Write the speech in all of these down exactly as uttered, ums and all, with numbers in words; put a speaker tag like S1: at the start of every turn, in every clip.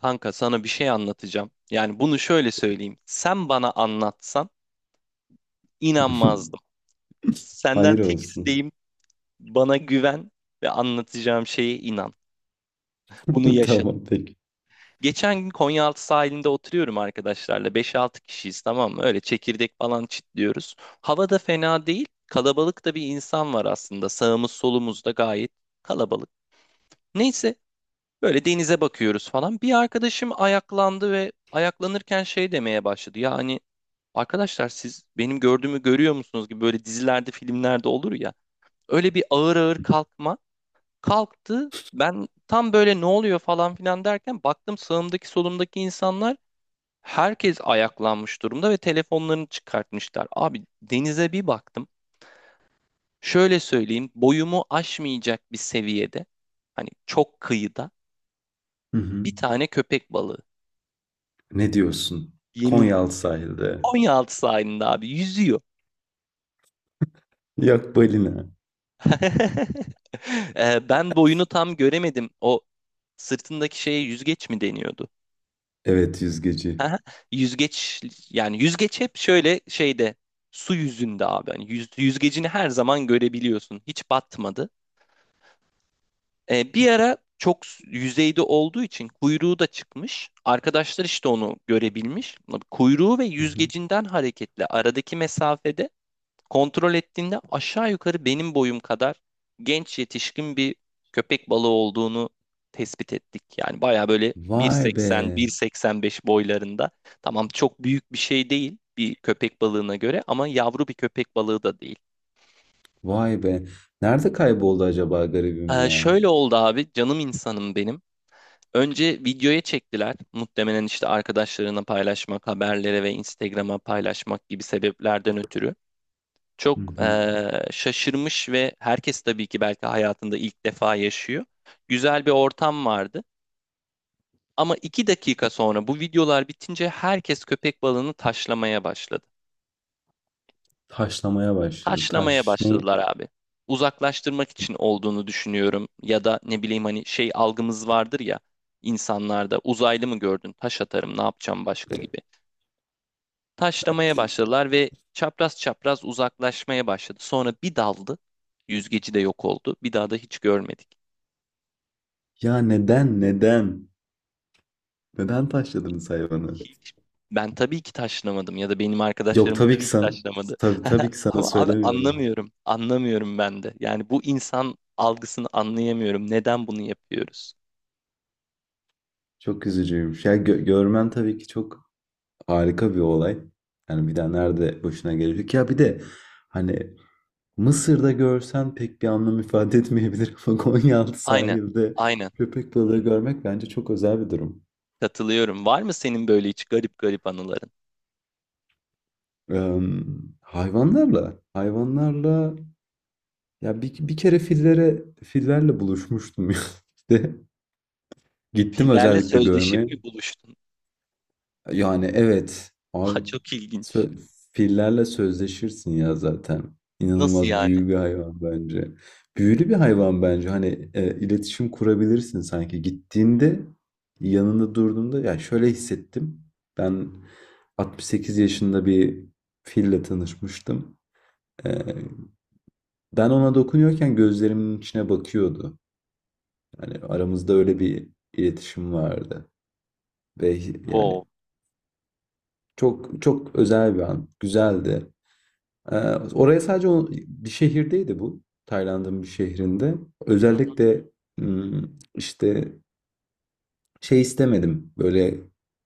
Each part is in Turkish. S1: Kanka sana bir şey anlatacağım. Yani bunu şöyle söyleyeyim. Sen bana anlatsan inanmazdım. Senden
S2: Hayır
S1: tek
S2: olsun.
S1: isteğim bana güven ve anlatacağım şeye inan. Bunu yaşadım.
S2: Tamam, peki.
S1: Geçen gün Konyaaltı sahilinde oturuyorum arkadaşlarla. Beş altı kişiyiz, tamam mı? Öyle çekirdek falan çitliyoruz. Hava da fena değil. Kalabalık da bir insan var aslında. Sağımız solumuz da gayet kalabalık. Neyse, böyle denize bakıyoruz falan. Bir arkadaşım ayaklandı ve ayaklanırken şey demeye başladı. Yani arkadaşlar, siz benim gördüğümü görüyor musunuz gibi, böyle dizilerde, filmlerde olur ya. Öyle bir ağır ağır kalkma. Kalktı. Ben tam böyle ne oluyor falan filan derken baktım, sağımdaki solumdaki insanlar, herkes ayaklanmış durumda ve telefonlarını çıkartmışlar. Abi, denize bir baktım. Şöyle söyleyeyim, boyumu aşmayacak bir seviyede. Hani çok kıyıda
S2: Hı hı.
S1: bir tane köpek balığı.
S2: Ne diyorsun?
S1: Yemin.
S2: Konyaaltı sahilde.
S1: Konyaaltı sahilinde abi yüzüyor.
S2: Yok, balina.
S1: Ee, ben boyunu tam göremedim. O sırtındaki şeye yüzgeç mi deniyordu?
S2: Evet, yüzgeci.
S1: Aha, yüzgeç, yani yüzgeç hep şöyle şeyde, su yüzünde abi. Hani yüz- yüzgecini her zaman görebiliyorsun. Hiç batmadı. Ee, bir ara çok s- yüzeyde olduğu için kuyruğu da çıkmış. Arkadaşlar işte onu görebilmiş. Kuyruğu ve
S2: Hı hı.
S1: yüzgecinden hareketle aradaki mesafede, kontrol ettiğinde aşağı yukarı benim boyum kadar genç yetişkin bir köpek balığı olduğunu tespit ettik. Yani baya böyle
S2: Vay
S1: bir seksen,
S2: be.
S1: bir seksen beş boylarında. Tamam, çok büyük bir şey değil bir köpek balığına göre ama yavru bir köpek balığı da değil.
S2: Vay be. Nerede kayboldu acaba garibim
S1: Ee,
S2: ya?
S1: şöyle oldu abi, canım insanım benim. Önce videoya çektiler. Muhtemelen işte arkadaşlarına paylaşmak, haberlere ve Instagram'a paylaşmak gibi sebeplerden ötürü.
S2: Hı
S1: Çok
S2: hı.
S1: eee, şaşırmış ve herkes tabii ki belki hayatında ilk defa yaşıyor. Güzel bir ortam vardı. Ama iki dakika sonra bu videolar bitince herkes köpek balığını taşlamaya başladı.
S2: Taşlamaya başladı.
S1: Taşlamaya
S2: Taş ne?
S1: başladılar abi. Uzaklaştırmak için olduğunu düşünüyorum. Ya da ne bileyim, hani şey algımız vardır ya insanlarda, uzaylı mı gördün, taş atarım, ne yapacağım başka gibi. Taşlamaya başladılar ve çapraz çapraz uzaklaşmaya başladı. Sonra bir daldı. Yüzgeci de yok oldu. Bir daha da hiç görmedik.
S2: Ya, neden neden? Neden taşladınız hayvanı?
S1: Hiç, ben tabii ki taşlamadım ya da benim
S2: Yok,
S1: arkadaşlarım
S2: tabii ki
S1: tabii ki
S2: sana.
S1: taşlamadı.
S2: Tabii, tabii ki sana
S1: Ama abi
S2: söylemiyorum.
S1: anlamıyorum. Anlamıyorum ben de. Yani bu insan algısını anlayamıyorum. Neden bunu yapıyoruz?
S2: Çok üzücüymüş. Ya, gö- görmen tabii ki çok. Harika bir olay. Yani bir daha nerede başına gelecek? Ya bir de hani Mısır'da görsen pek bir anlam ifade etmeyebilir ama Konyaaltı
S1: Aynen.
S2: sahilde
S1: Aynen.
S2: köpek balığı görmek bence çok özel bir durum.
S1: Katılıyorum. Var mı senin böyle hiç garip garip anıların?
S2: Eee, hayvanlarla, hayvanlarla ya bir, bir kere fillere, fillerle buluşmuştum ya. İşte gittim
S1: Fillerle
S2: özellikle
S1: sözleşip
S2: görmeye.
S1: mi buluştun?
S2: Yani evet
S1: Aa,
S2: abi,
S1: çok ilginç.
S2: sö- fillerle sözleşirsin ya zaten.
S1: Nasıl
S2: İnanılmaz
S1: yani?
S2: büyülü bir hayvan bence. Büyülü bir hayvan bence. Hani e, iletişim kurabilirsin sanki. Gittiğinde yanında durduğunda ya şöyle hissettim. Ben altmış sekiz yaşında bir fille tanışmıştım. E, ben ona dokunuyorken gözlerimin içine bakıyordu. Yani aramızda öyle bir iletişim vardı. Ve yani
S1: Wow.
S2: çok çok özel bir an. Güzeldi. Ee, oraya sadece o- bir şehirdeydi bu. Tayland'ın bir şehrinde.
S1: Hı hı.
S2: Özellikle hmm, işte şey istemedim. Böyle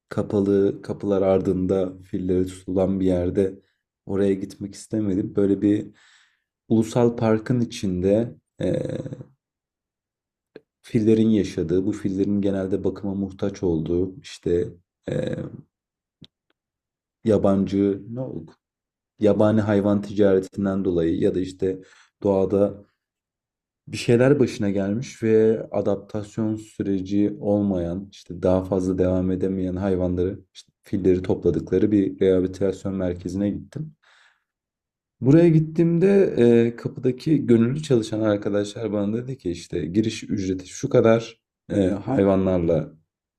S2: kapalı kapılar ardında filleri tutulan bir yerde oraya gitmek istemedim. Böyle bir ulusal parkın içinde e, fillerin yaşadığı, bu fillerin genelde bakıma muhtaç olduğu, işte e, yabancı ne oldu? Yabani hayvan ticaretinden dolayı ya da işte doğada bir şeyler başına gelmiş ve adaptasyon süreci olmayan, işte daha fazla devam edemeyen hayvanları, işte filleri topladıkları bir rehabilitasyon merkezine gittim. Buraya gittiğimde, eee, kapıdaki gönüllü çalışan arkadaşlar bana dedi ki işte giriş ücreti şu kadar, eee, hayvanlarla,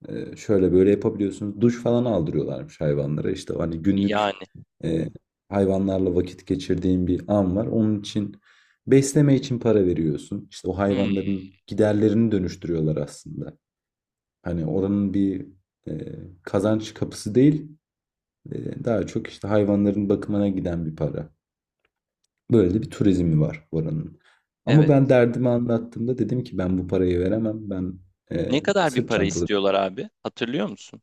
S2: eee, şöyle böyle yapabiliyorsunuz. Duş falan aldırıyorlarmış hayvanlara. İşte hani günlük,
S1: Yani.
S2: eee, hayvanlarla vakit geçirdiğin bir an var. Onun için besleme için para veriyorsun. İşte, o
S1: Hmm,
S2: hayvanların giderlerini dönüştürüyorlar aslında. Hani, oranın bir, eee, kazanç kapısı değil, eee, daha çok işte hayvanların bakımına giden bir para. Böyle de bir turizmi var oranın. Ama
S1: evet.
S2: ben derdimi anlattığımda dedim ki ben bu parayı veremem. Ben
S1: Ne
S2: e,
S1: kadar bir
S2: sırt
S1: para
S2: çantalı.
S1: istiyorlar abi? Hatırlıyor musun?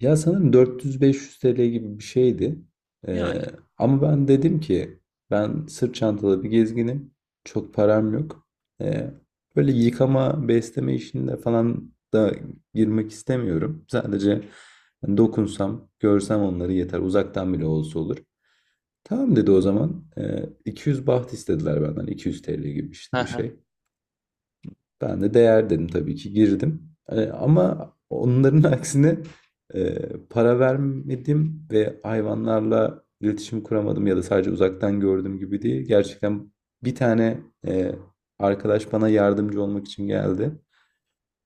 S2: Ya sanırım dört yüz beş yüz T L gibi bir şeydi.
S1: Yani.
S2: E, ama ben dedim ki ben sırt çantalı bir gezginim. Çok param yok. E, böyle yıkama, besleme işinde falan da girmek istemiyorum. Sadece hani dokunsam, görsem onları yeter. Uzaktan bile olsa olur. Tamam dedi o zaman. Ee, iki yüz baht istediler benden. iki yüz T L gibi
S1: Hı
S2: işte bir
S1: hı.
S2: şey. Ben de değer dedim, tabii ki girdim. Ee, ama onların aksine e, para vermedim ve hayvanlarla iletişim kuramadım ya da sadece uzaktan gördüm gibi değil. Gerçekten bir tane e, arkadaş bana yardımcı olmak için geldi.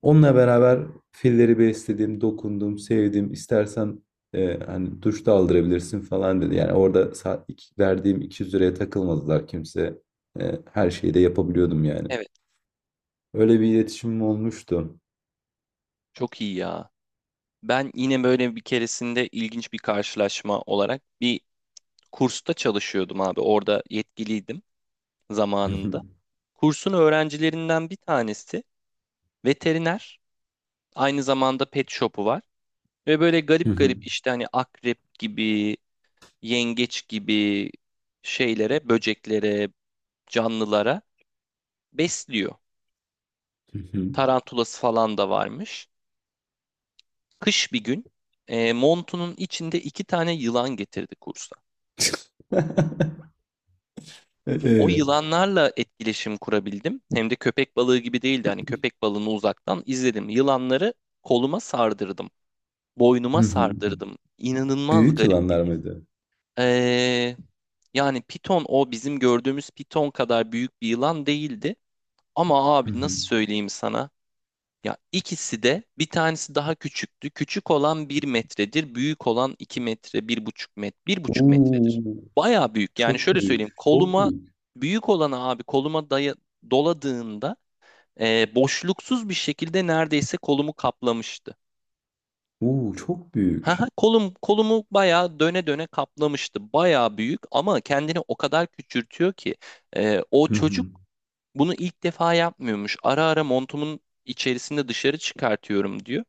S2: Onunla beraber filleri besledim, dokundum, sevdim. İstersen e, hani duş da aldırabilirsin falan dedi. Yani orada saat iki- verdiğim iki yüz liraya takılmadılar kimse. E, her şeyi de yapabiliyordum yani.
S1: Evet.
S2: Öyle bir iletişimim olmuştu.
S1: Çok iyi ya. Ben yine böyle bir keresinde ilginç bir karşılaşma olarak, bir kursta çalışıyordum abi. Orada yetkiliydim zamanında. Kursun öğrencilerinden bir tanesi veteriner. Aynı zamanda pet shop'u var. Ve böyle garip garip, işte hani akrep gibi, yengeç gibi şeylere, böceklere, canlılara besliyor. Tarantulası falan da varmış. Kış bir gün e, montunun içinde iki tane yılan getirdi kursa. O
S2: Ee,
S1: yılanlarla etkileşim kurabildim. Hem de köpek balığı gibi değildi. Hani köpek balığını uzaktan izledim. Yılanları koluma sardırdım. Boynuma sardırdım. İnanılmaz
S2: Büyük
S1: garip bir
S2: yılanlar
S1: his.
S2: mıydı?
S1: Ee, yani piton, o bizim gördüğümüz piton kadar büyük bir yılan değildi. Ama abi, nasıl söyleyeyim sana? Ya ikisi de, bir tanesi daha küçüktü. Küçük olan bir metredir. Büyük olan iki metre, bir buçuk metre, buçuk metredir.
S2: Oo,
S1: Bayağı büyük. Yani
S2: çok
S1: şöyle söyleyeyim.
S2: büyük, çok
S1: Koluma,
S2: büyük.
S1: büyük olanı abi koluma daya, doladığında e, boşluksuz bir şekilde neredeyse kolumu kaplamıştı.
S2: Oo, çok
S1: Haha,
S2: büyük.
S1: kolum, kolumu bayağı döne döne kaplamıştı. Bayağı büyük ama kendini o kadar küçültüyor ki e, o çocuk bunu ilk defa yapmıyormuş. Ara ara montumun içerisinde dışarı çıkartıyorum diyor.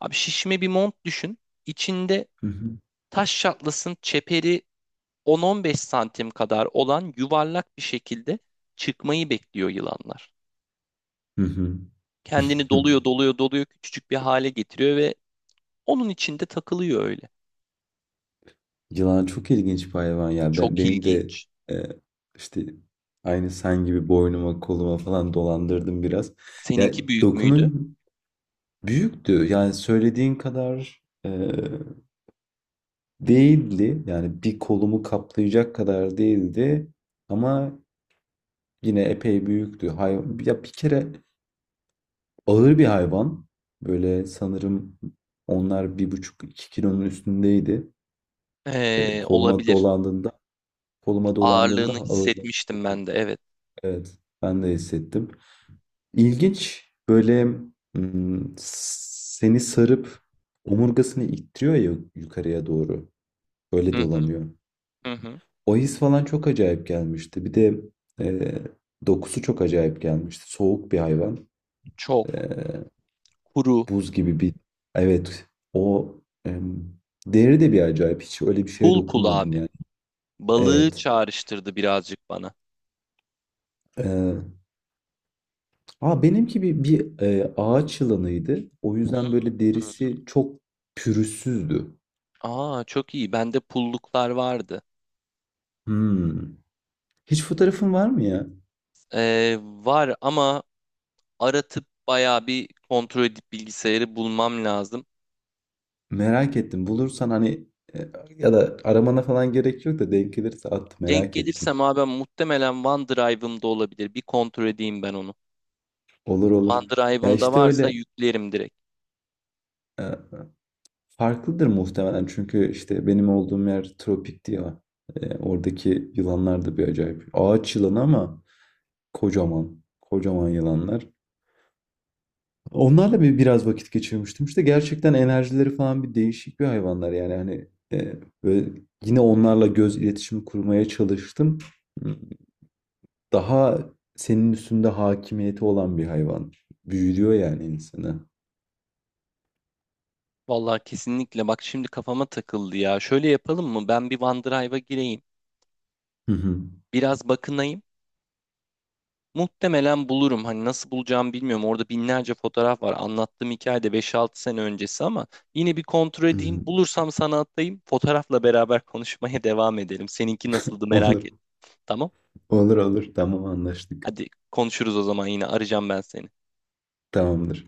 S1: Abi, şişme bir mont düşün. İçinde taş şatlasın, çeperi on on beş santim kadar olan yuvarlak bir şekilde çıkmayı bekliyor yılanlar. Kendini doluyor, doluyor, doluyor, küçücük bir hale getiriyor ve onun içinde takılıyor öyle.
S2: Yılan çok ilginç bir hayvan ya. Ben,
S1: Çok
S2: benim de
S1: ilginç.
S2: e, işte aynı sen gibi boynuma koluma falan dolandırdım biraz. Ya,
S1: Seninki büyük müydü?
S2: dokunun büyüktü. Yani söylediğin kadar e, değildi. Yani bir kolumu kaplayacak kadar değildi. Ama yine epey büyüktü. Hay ya, bir kere ağır bir hayvan. Böyle sanırım onlar bir buçuk iki kilonun üstündeydi. E,
S1: Ee,
S2: koluma
S1: olabilir.
S2: dolandığında koluma dolandığında
S1: Ağırlığını
S2: ağırlık
S1: hissetmiştim
S2: hissettim.
S1: ben de, evet.
S2: Evet, ben de hissettim. İlginç böyle, mm, seni sarıp omurgasını ittiriyor ya yukarıya doğru. Öyle
S1: Hı
S2: dolanıyor.
S1: hı hı. Hı.
S2: O his falan çok acayip gelmişti. Bir de e, dokusu çok acayip gelmişti. Soğuk bir hayvan.
S1: Çok. Kuru.
S2: Buz gibi bir. Evet, o em, deri de bir acayip. Hiç öyle bir şeye
S1: Pul pul
S2: dokunmadım
S1: abi.
S2: yani.
S1: Balığı
S2: Evet.
S1: çağrıştırdı birazcık bana.
S2: Ee, aa benimki bir, bir e, ağaç yılanıydı. O yüzden böyle
S1: Hı.
S2: derisi çok pürüzsüzdü.
S1: Aa, çok iyi. Bende pulluklar vardı.
S2: Hmm. Hiç fotoğrafın var mı ya?
S1: Ee, var ama aratıp bayağı bir kontrol edip bilgisayarı bulmam lazım.
S2: Merak ettim. Bulursan hani, e, ya da aramana falan gerek yok da denk gelirse at,
S1: Denk
S2: merak ettim.
S1: gelirsem abi muhtemelen OneDrive'ımda olabilir. Bir kontrol edeyim ben onu.
S2: Olur olur. Ya
S1: OneDrive'ımda
S2: işte
S1: varsa
S2: öyle
S1: yüklerim direkt.
S2: e, farklıdır muhtemelen çünkü işte benim olduğum yer tropikti ya. E, oradaki yılanlar da bir acayip. Ağaç yılanı ama kocaman. Kocaman yılanlar. Onlarla bir biraz vakit geçirmiştim. İşte gerçekten enerjileri falan bir değişik bir hayvanlar yani, hani e, böyle yine onlarla göz iletişimi kurmaya çalıştım. Daha senin üstünde hakimiyeti olan bir hayvan. Büyülüyor yani insanı.
S1: Vallahi kesinlikle, bak şimdi kafama takıldı ya. Şöyle yapalım mı? Ben bir OneDrive'a gireyim.
S2: Hı hı.
S1: Biraz bakınayım. Muhtemelen bulurum. Hani nasıl bulacağımı bilmiyorum. Orada binlerce fotoğraf var. Anlattığım hikaye de beş altı sene öncesi ama yine bir kontrol
S2: Hı hı.
S1: edeyim. Bulursam sana atayım. Fotoğrafla beraber konuşmaya devam edelim. Seninki nasıldı, merak
S2: Olur,
S1: ettim. Tamam.
S2: olur, olur. Tamam anlaştık.
S1: Hadi konuşuruz o zaman yine. Arayacağım ben seni.
S2: Tamamdır.